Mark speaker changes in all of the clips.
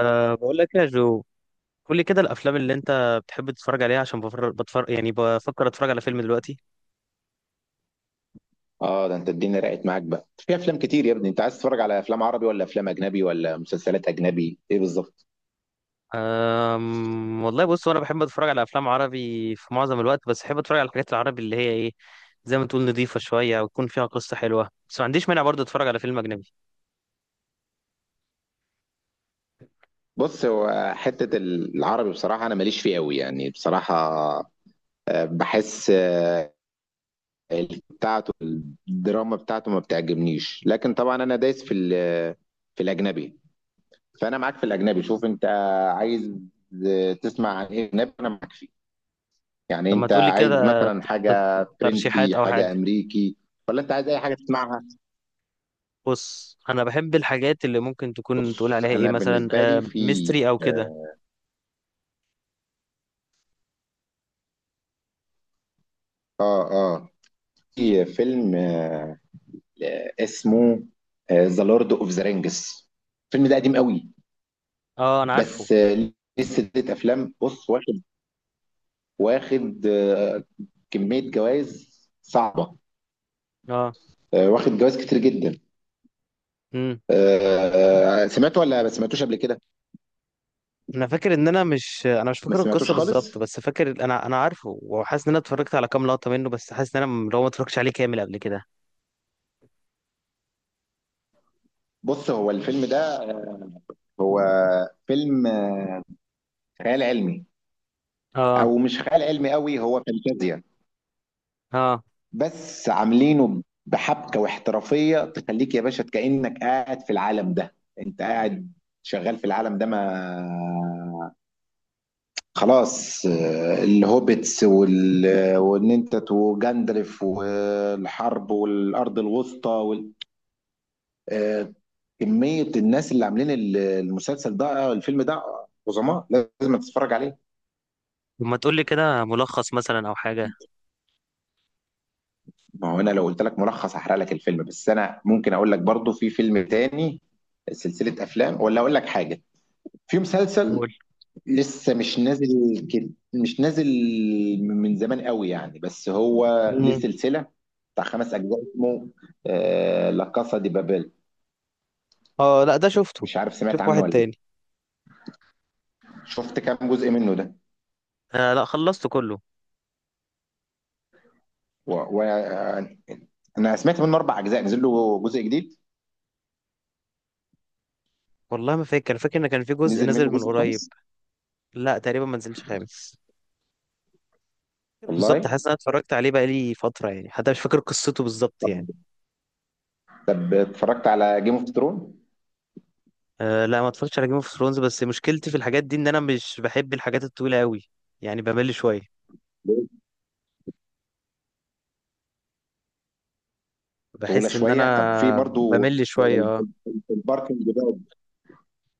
Speaker 1: أه بقول لك يا جو. قول لي كده الافلام اللي انت بتحب تتفرج عليها عشان بتفرج، يعني بفكر اتفرج على فيلم دلوقتي.
Speaker 2: اه، ده انت الدنيا رقت معاك بقى في افلام كتير يا ابني. انت عايز تتفرج على افلام عربي ولا افلام اجنبي ولا مسلسلات اجنبي، ايه بالظبط؟
Speaker 1: والله بص، وانا بحب اتفرج على افلام عربي في معظم الوقت، بس بحب اتفرج على الحاجات العربي اللي هي ايه، زي ما تقول نظيفة شوية وتكون فيها قصة حلوة، بس ما عنديش مانع برضه اتفرج على فيلم اجنبي.
Speaker 2: بص، هو حته العربي بصراحه انا ماليش فيه قوي يعني، بصراحه. بحس، بتاعته. الدراما بتاعته ما بتعجبنيش، لكن طبعا انا دايس في في الاجنبي. فانا معاك في الاجنبي. شوف انت عايز، تسمع عن ايه اجنبي؟ انا معاك فيه. يعني
Speaker 1: طب ما
Speaker 2: انت
Speaker 1: تقول لي
Speaker 2: عايز
Speaker 1: كده
Speaker 2: مثلا
Speaker 1: ت-
Speaker 2: حاجه
Speaker 1: ترشيحات
Speaker 2: فرنسي،
Speaker 1: او
Speaker 2: حاجه
Speaker 1: حاجة.
Speaker 2: امريكي؟ ولا انت عايز اي حاجه تسمعها؟
Speaker 1: بص، انا بحب الحاجات اللي ممكن تكون تقول
Speaker 2: بص،
Speaker 1: عليها ايه،
Speaker 2: انا
Speaker 1: مثلا
Speaker 2: بالنسبه لي
Speaker 1: أه
Speaker 2: في
Speaker 1: ميستري او كده.
Speaker 2: اه اه آه، في فيلم، اسمه ذا لورد اوف ذا رينجز. الفيلم ده قديم قوي،
Speaker 1: اه انا عارفه.
Speaker 2: بس ليه سلسله افلام. بص، واخد، واخد آه، كميه جوائز صعبه،
Speaker 1: اه
Speaker 2: واخد جوائز كتير جدا. سمعته ولا ما سمعتوش قبل كده؟
Speaker 1: انا فاكر ان انا مش
Speaker 2: ما
Speaker 1: فاكر
Speaker 2: سمعتوش
Speaker 1: القصه
Speaker 2: خالص.
Speaker 1: بالظبط، بس فاكر انا عارفه، وحاسس ان انا اتفرجت على كام لقطه منه، بس حاسس ان لو ما اتفرجتش عليه كامل قبل كده.
Speaker 2: بص، هو الفيلم ده هو فيلم خيال علمي،
Speaker 1: اه.
Speaker 2: او مش خيال علمي قوي، هو فانتازيا.
Speaker 1: اه.
Speaker 2: بس عاملينه بحبكه واحترافيه تخليك يا باشا كأنك قاعد في العالم ده، انت قاعد شغال في العالم ده. ما خلاص، الهوبتس وان انت وجندلف والحرب والارض الوسطى آه، كميه الناس اللي عاملين المسلسل ده، الفيلم ده، عظماء. لازم تتفرج عليه.
Speaker 1: لما تقول لي كده ملخص مثلا او حاجه.
Speaker 2: ما هو انا لو قلت لك ملخص هحرق لك الفيلم، بس انا ممكن اقول لك برضو في فيلم تاني، سلسله افلام، ولا اقول لك حاجه. في مسلسل
Speaker 1: قول.
Speaker 2: لسه مش نازل كده، مش نازل من زمان قوي يعني، بس هو ليه
Speaker 1: امم.
Speaker 2: سلسلة بتاع خمس أجزاء اسمه لا كاسا دي بابيل.
Speaker 1: اه لا ده شفته.
Speaker 2: مش عارف سمعت
Speaker 1: شوف
Speaker 2: عنه
Speaker 1: واحد
Speaker 2: ولا لأ.
Speaker 1: تاني.
Speaker 2: شفت كام جزء منه ده؟
Speaker 1: آه لا خلصته كله.
Speaker 2: وأنا و... أنا سمعت منه أربع أجزاء، نزل له جزء جديد،
Speaker 1: والله ما فاكر، فاكر ان كان في جزء
Speaker 2: نزل
Speaker 1: نزل
Speaker 2: منه
Speaker 1: من
Speaker 2: جزء
Speaker 1: قريب.
Speaker 2: خامس.
Speaker 1: لا تقريبا ما نزلش خامس بالظبط.
Speaker 2: والله.
Speaker 1: حاسس ان انا اتفرجت عليه بقالي فتره، يعني حتى مش فاكر قصته بالظبط
Speaker 2: طب
Speaker 1: يعني.
Speaker 2: طب اتفرجت على جيم اوف ثرون؟
Speaker 1: أه لا ما اتفرجتش على جيم اوف ثرونز، بس مشكلتي في الحاجات دي ان انا مش بحب الحاجات الطويله قوي، يعني بمل شويه،
Speaker 2: طويلة
Speaker 1: بحس ان
Speaker 2: شوية. طب في
Speaker 1: انا
Speaker 2: برضو
Speaker 1: بمل شويه اه.
Speaker 2: الباركنج ده،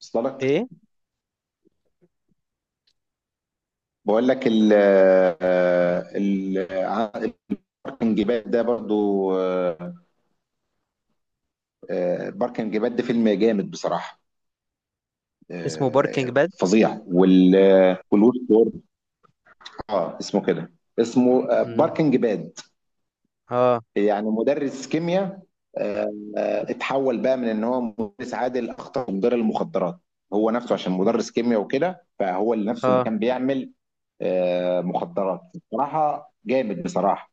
Speaker 2: وصل لك؟
Speaker 1: ايه.
Speaker 2: بقول لك ال آه، ال الباركنج باد ده برضو. آه، الباركنج باد ده فيلم جامد بصراحة،
Speaker 1: اسمه باركينج باد.
Speaker 2: فظيع. والوش وورد، اه، اسمه كده. اسمه
Speaker 1: امم.
Speaker 2: باركنج باد.
Speaker 1: اه.
Speaker 2: يعني مدرس كيمياء، اتحول بقى من ان هو مدرس عادل اخطر مدير المخدرات. هو نفسه عشان مدرس كيمياء وكده فهو اللي نفسه اللي
Speaker 1: اه.
Speaker 2: كان بيعمل مخدرات. بصراحة جامد بصراحة.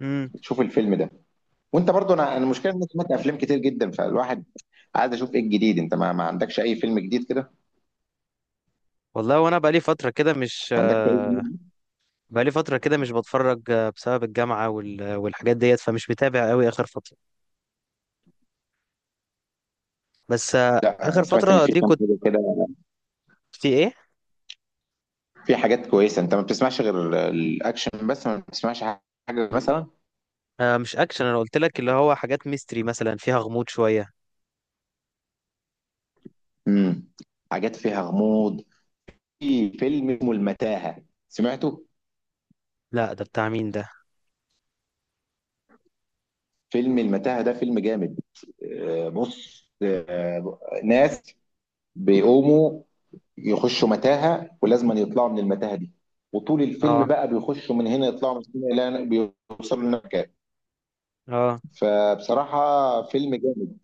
Speaker 1: امم.
Speaker 2: شوف الفيلم ده. وانت برضو انا المشكله ان انا سمعت افلام كتير جدا، فالواحد عايز اشوف ايه الجديد. انت ما عندكش اي فيلم جديد كده؟
Speaker 1: والله وانا بقالي فتره كده مش
Speaker 2: ما عندكش اي فيلم؟
Speaker 1: بقالي فتره كده مش بتفرج، بسبب الجامعه والحاجات ديت، فمش متابع قوي اخر فتره، بس
Speaker 2: لا، انا
Speaker 1: اخر
Speaker 2: سمعت ان
Speaker 1: فتره
Speaker 2: في
Speaker 1: دي
Speaker 2: كام
Speaker 1: كنت.
Speaker 2: حاجه كده،
Speaker 1: في ايه.
Speaker 2: في حاجات كويسه. انت ما بتسمعش غير الاكشن بس، ما بتسمعش حاجه مثلا؟
Speaker 1: آه، مش اكشن، انا قلت لك اللي هو حاجات ميستري مثلا، فيها غموض شويه.
Speaker 2: امم حاجات فيها غموض. في فيلم اسمه المتاهه، سمعته؟
Speaker 1: لا ده بتاع مين ده؟
Speaker 2: فيلم المتاهه ده فيلم جامد. بص، ناس بيقوموا يخشوا متاهه ولازم يطلعوا من المتاهه دي. وطول الفيلم
Speaker 1: اه.
Speaker 2: بقى بيخشوا من هنا يطلعوا من هنا، لا بيوصلوا للمكان.
Speaker 1: اه.
Speaker 2: فبصراحه فيلم جامد،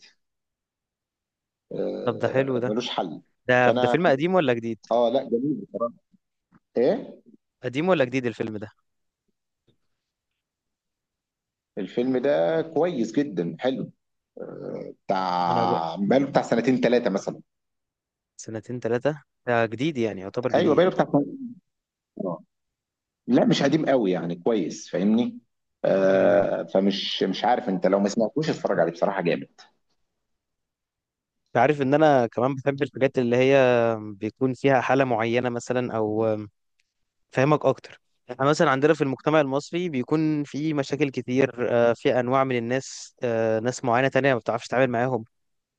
Speaker 1: طب ده حلو ده
Speaker 2: ملوش حل.
Speaker 1: ده ده
Speaker 2: فانا،
Speaker 1: فيلم قديم ولا جديد؟
Speaker 2: اه لا جميل، ايه،
Speaker 1: قديم ولا جديد الفيلم ده؟
Speaker 2: الفيلم ده كويس جدا حلو.
Speaker 1: انا بقى.
Speaker 2: بتاع بقاله بتاع سنتين ثلاثه مثلا.
Speaker 1: سنتين ثلاثة. ده جديد، يعني يعتبر
Speaker 2: ايوه
Speaker 1: جديد.
Speaker 2: بقاله بتاع سنتين. آه. لا مش قديم قوي يعني، كويس فاهمني.
Speaker 1: مم.
Speaker 2: فمش، مش عارف، انت لو ما سمعتوش اتفرج عليه بصراحه جامد.
Speaker 1: انت عارف ان انا كمان بحب الحاجات اللي هي بيكون فيها حالة معينة، مثلا او فاهمك اكتر. احنا مثلا عندنا في المجتمع المصري بيكون في مشاكل كتير، في انواع من الناس، ناس معينة تانية ما بتعرفش تتعامل معاهم،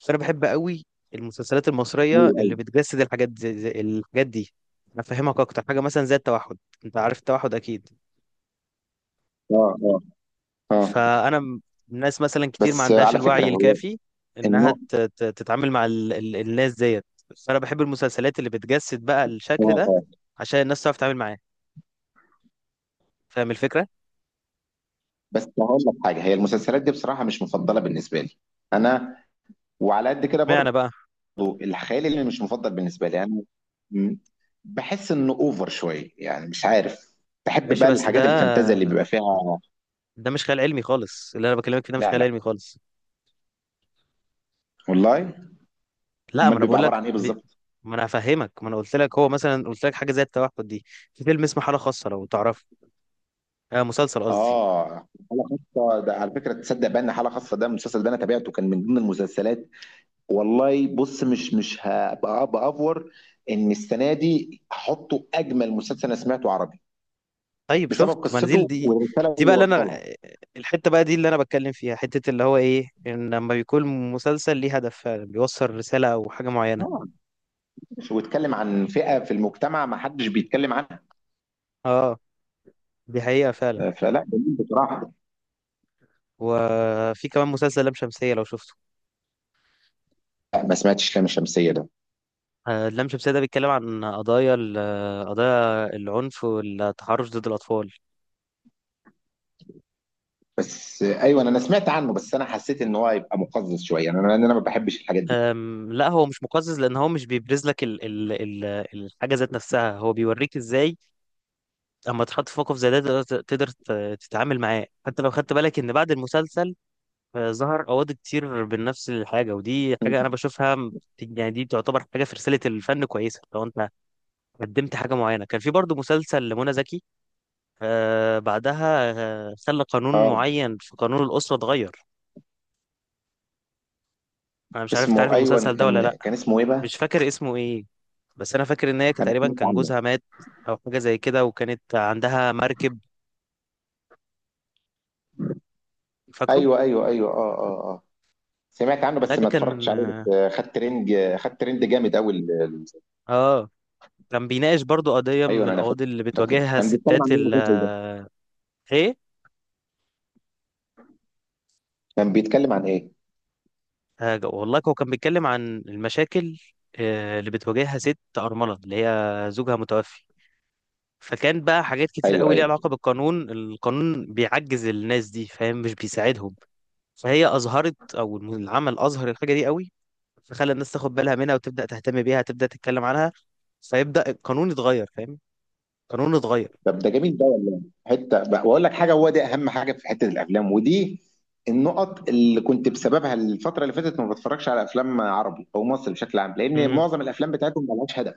Speaker 1: بس انا بحب قوي المسلسلات المصرية
Speaker 2: ايوه،
Speaker 1: اللي
Speaker 2: ايوه.
Speaker 1: بتجسد الحاجات زي الحاجات دي. انا فاهمك اكتر حاجة مثلا زي التوحد. انت عارف التوحد اكيد.
Speaker 2: اه، اه. اه.
Speaker 1: فانا م- الناس مثلا كتير ما
Speaker 2: بس
Speaker 1: عندهاش
Speaker 2: على فكرة
Speaker 1: الوعي
Speaker 2: هو
Speaker 1: الكافي انها
Speaker 2: النوع.
Speaker 1: تتعامل مع الناس ديت، فانا بحب المسلسلات اللي بتجسد بقى
Speaker 2: اه،
Speaker 1: الشكل ده،
Speaker 2: آه.
Speaker 1: عشان الناس تعرف تتعامل معاه، فاهم الفكره؟
Speaker 2: بس هقول لك حاجة، هي المسلسلات دي بصراحة مش مفضلة بالنسبة لي أنا، وعلى قد كده برضو
Speaker 1: معنى بقى.
Speaker 2: الخيال اللي مش مفضل بالنسبة لي أنا. م- بحس إنه أوفر شوية يعني، مش عارف. بحب
Speaker 1: ماشي
Speaker 2: بقى
Speaker 1: بس ده،
Speaker 2: الحاجات الفانتازيا اللي بيبقى فيها.
Speaker 1: ده مش خيال علمي خالص اللي انا بكلمك فيه، ده مش
Speaker 2: لا
Speaker 1: خيال
Speaker 2: لا،
Speaker 1: علمي خالص.
Speaker 2: والله.
Speaker 1: لا ما
Speaker 2: أمال
Speaker 1: انا
Speaker 2: بيبقى
Speaker 1: بقول
Speaker 2: عبارة
Speaker 1: لك،
Speaker 2: عن إيه بالظبط؟
Speaker 1: ما انا هفهمك، ما انا قلت لك هو مثلا قلت لك حاجه زي التوحد دي، في فيلم اسمه حاله خاصه لو تعرفه. آه، مسلسل قصدي.
Speaker 2: آه. حالة خاصة ده، على فكرة تصدق بأن حالة خاصة ده المسلسل ده أنا تابعته كان من ضمن المسلسلات. والله بص، مش هبقى بافور ان السنه دي هحطه اجمل مسلسل انا سمعته عربي،
Speaker 1: طيب
Speaker 2: بسبب
Speaker 1: شفت منزل
Speaker 2: قصته
Speaker 1: دي.
Speaker 2: والرساله
Speaker 1: دي
Speaker 2: اللي
Speaker 1: بقى اللي انا،
Speaker 2: وصلها.
Speaker 1: الحته بقى دي اللي انا بتكلم فيها، حته اللي هو ايه، ان لما بيكون مسلسل ليه هدف فعلا بيوصل رساله او حاجه معينه.
Speaker 2: اه، واتكلم عن فئه في المجتمع ما حدش بيتكلم عنها،
Speaker 1: اه، دي حقيقه فعلا.
Speaker 2: فلا جميل بصراحه.
Speaker 1: وفي كمان مسلسل لام شمسيه لو شفته.
Speaker 2: لا، ما سمعتش لام شمسيه ده.
Speaker 1: آه، لام شمسيه ده بيتكلم عن قضايا قضايا العنف والتحرش ضد الاطفال.
Speaker 2: بس ايوه، انا سمعت عنه، بس انا حسيت ان هو هيبقى مقزز شويه انا لان انا ما بحبش الحاجات دي.
Speaker 1: لا، هو مش مقزز، لان هو مش بيبرز لك ال ال ال الحاجه ذات نفسها، هو بيوريك ازاي اما تحط في موقف زي ده تقدر، تقدر تتعامل معاه، حتى لو خدت بالك ان بعد المسلسل فظهر قواضي كتير بنفس الحاجة، ودي حاجة أنا بشوفها يعني، دي تعتبر حاجة في رسالة الفن كويسة لو أنت قدمت حاجة معينة. كان في برضو مسلسل لمنى زكي بعدها خلى قانون معين في قانون الأسرة اتغير. أنا مش عارف تعرف
Speaker 2: اسمه،
Speaker 1: المسلسل
Speaker 2: ايوه،
Speaker 1: ده ولا
Speaker 2: كان
Speaker 1: لأ.
Speaker 2: كان اسمه ايه بقى؟
Speaker 1: مش فاكر اسمه إيه، بس أنا فاكر إن هي كانت
Speaker 2: انا
Speaker 1: تقريبا
Speaker 2: سمعت
Speaker 1: كان
Speaker 2: عنه.
Speaker 1: جوزها مات، أو حاجة زي كده، وكانت عندها مركب فاكره.
Speaker 2: ايوه ايوه ايوه، اه اه آه. سمعت عنه
Speaker 1: ده
Speaker 2: بس ما اتفرجتش
Speaker 1: كان
Speaker 2: عليه، بس خد ترند، خد ترند جامد قوي
Speaker 1: آه، كان بيناقش برضو قضية
Speaker 2: ايوه
Speaker 1: من
Speaker 2: انا فاكر.
Speaker 1: القواضي اللي
Speaker 2: فاكر
Speaker 1: بتواجهها
Speaker 2: كان بيتكلم عن
Speaker 1: الستات
Speaker 2: ايه المسلسل ده،
Speaker 1: إيه.
Speaker 2: كان بيتكلم عن ايه؟
Speaker 1: حاجة والله، هو كان بيتكلم عن المشاكل اللي بتواجهها ست أرملة اللي هي زوجها متوفي، فكان بقى حاجات كتير
Speaker 2: ايوه
Speaker 1: قوي ليها
Speaker 2: ايوه.
Speaker 1: علاقة بالقانون، القانون بيعجز الناس دي، فاهم؟ مش بيساعدهم. فهي أظهرت أو العمل أظهر الحاجة دي قوي، فخلى الناس تاخد بالها منها وتبدأ تهتم بيها، تبدأ تتكلم عنها، فيبدأ القانون يتغير، فاهم؟ القانون يتغير.
Speaker 2: طب ده جميل ده والله. واقول لك حاجه، هو ده اهم حاجه في حته الافلام ودي النقط اللي كنت بسببها الفتره اللي فاتت ما بتفرجش على افلام عربي او مصري بشكل عام، لان
Speaker 1: امم.
Speaker 2: معظم الافلام بتاعتهم ما لهاش هدف.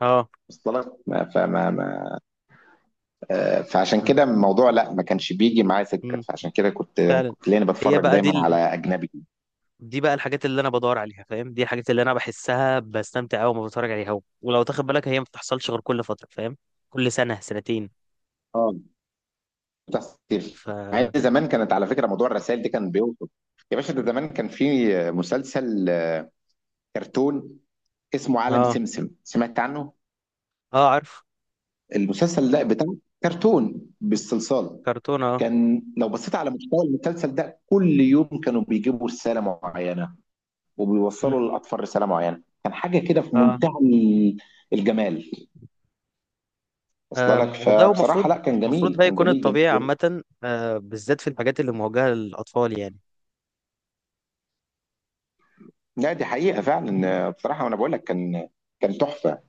Speaker 1: اه.
Speaker 2: وصل لك؟ ما- فما ما فعشان كده الموضوع، لا ما كانش بيجي معايا سكه،
Speaker 1: امم،
Speaker 2: فعشان كده كنت
Speaker 1: فعلا.
Speaker 2: كنت لاني
Speaker 1: هي
Speaker 2: بتفرج
Speaker 1: بقى
Speaker 2: دايما على
Speaker 1: دي،
Speaker 2: اجنبي.
Speaker 1: دي بقى الحاجات اللي انا بدور عليها، فاهم؟ دي الحاجات اللي انا بحسها بستمتع قوي وما بتفرج عليها، ولو تاخد بالك هي ما بتحصلش غير كل فتره، فاهم؟ كل سنه سنتين.
Speaker 2: اه، بتحصل كتير.
Speaker 1: ف
Speaker 2: مع إن
Speaker 1: اه
Speaker 2: زمان كانت على فكره، موضوع الرسائل دي كان بيوصل. يا باشا، ده زمان كان في مسلسل كرتون اسمه عالم سمسم، سمعت عنه؟
Speaker 1: اه عارف.
Speaker 2: المسلسل ده بتاع كرتون بالصلصال.
Speaker 1: كرتون. اه.
Speaker 2: كان لو بصيت على محتوى المسلسل ده كل يوم كانوا بيجيبوا رساله معينه
Speaker 1: مم.
Speaker 2: وبيوصلوا للاطفال رساله معينه، كان حاجه كده في
Speaker 1: اه.
Speaker 2: منتهى الجمال. وصل لك؟
Speaker 1: والله هو
Speaker 2: فبصراحه،
Speaker 1: المفروض،
Speaker 2: لا كان
Speaker 1: المفروض
Speaker 2: جميل،
Speaker 1: ده
Speaker 2: كان
Speaker 1: يكون
Speaker 2: جميل
Speaker 1: الطبيعي
Speaker 2: جميل.
Speaker 1: عامه، بالذات في الحاجات اللي موجهه للاطفال يعني.
Speaker 2: لا، دي حقيقه فعلا بصراحه، وانا بقول لك كان تحفه.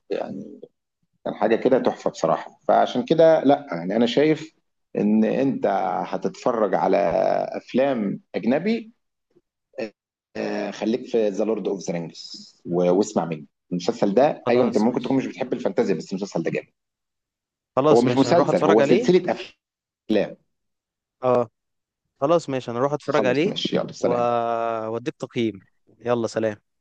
Speaker 2: كان حاجة كده تحفة بصراحة، فعشان كده لا يعني، أنا شايف إن أنت هتتفرج على أفلام أجنبي. خليك في ذا لورد أوف ذا رينجز، واسمع مني، المسلسل ده أيوه، أنت
Speaker 1: خلاص
Speaker 2: ممكن تكون
Speaker 1: ماشي.
Speaker 2: مش بتحب الفانتازيا بس المسلسل ده جامد. هو
Speaker 1: خلاص
Speaker 2: مش
Speaker 1: ماشي انا اروح
Speaker 2: مسلسل،
Speaker 1: اتفرج
Speaker 2: هو
Speaker 1: عليه.
Speaker 2: سلسلة أفلام.
Speaker 1: اه خلاص ماشي انا اروح اتفرج
Speaker 2: خلاص
Speaker 1: عليه.
Speaker 2: ماشي، يلا
Speaker 1: و-
Speaker 2: سلام.
Speaker 1: واديك تقييم. يلا سلام.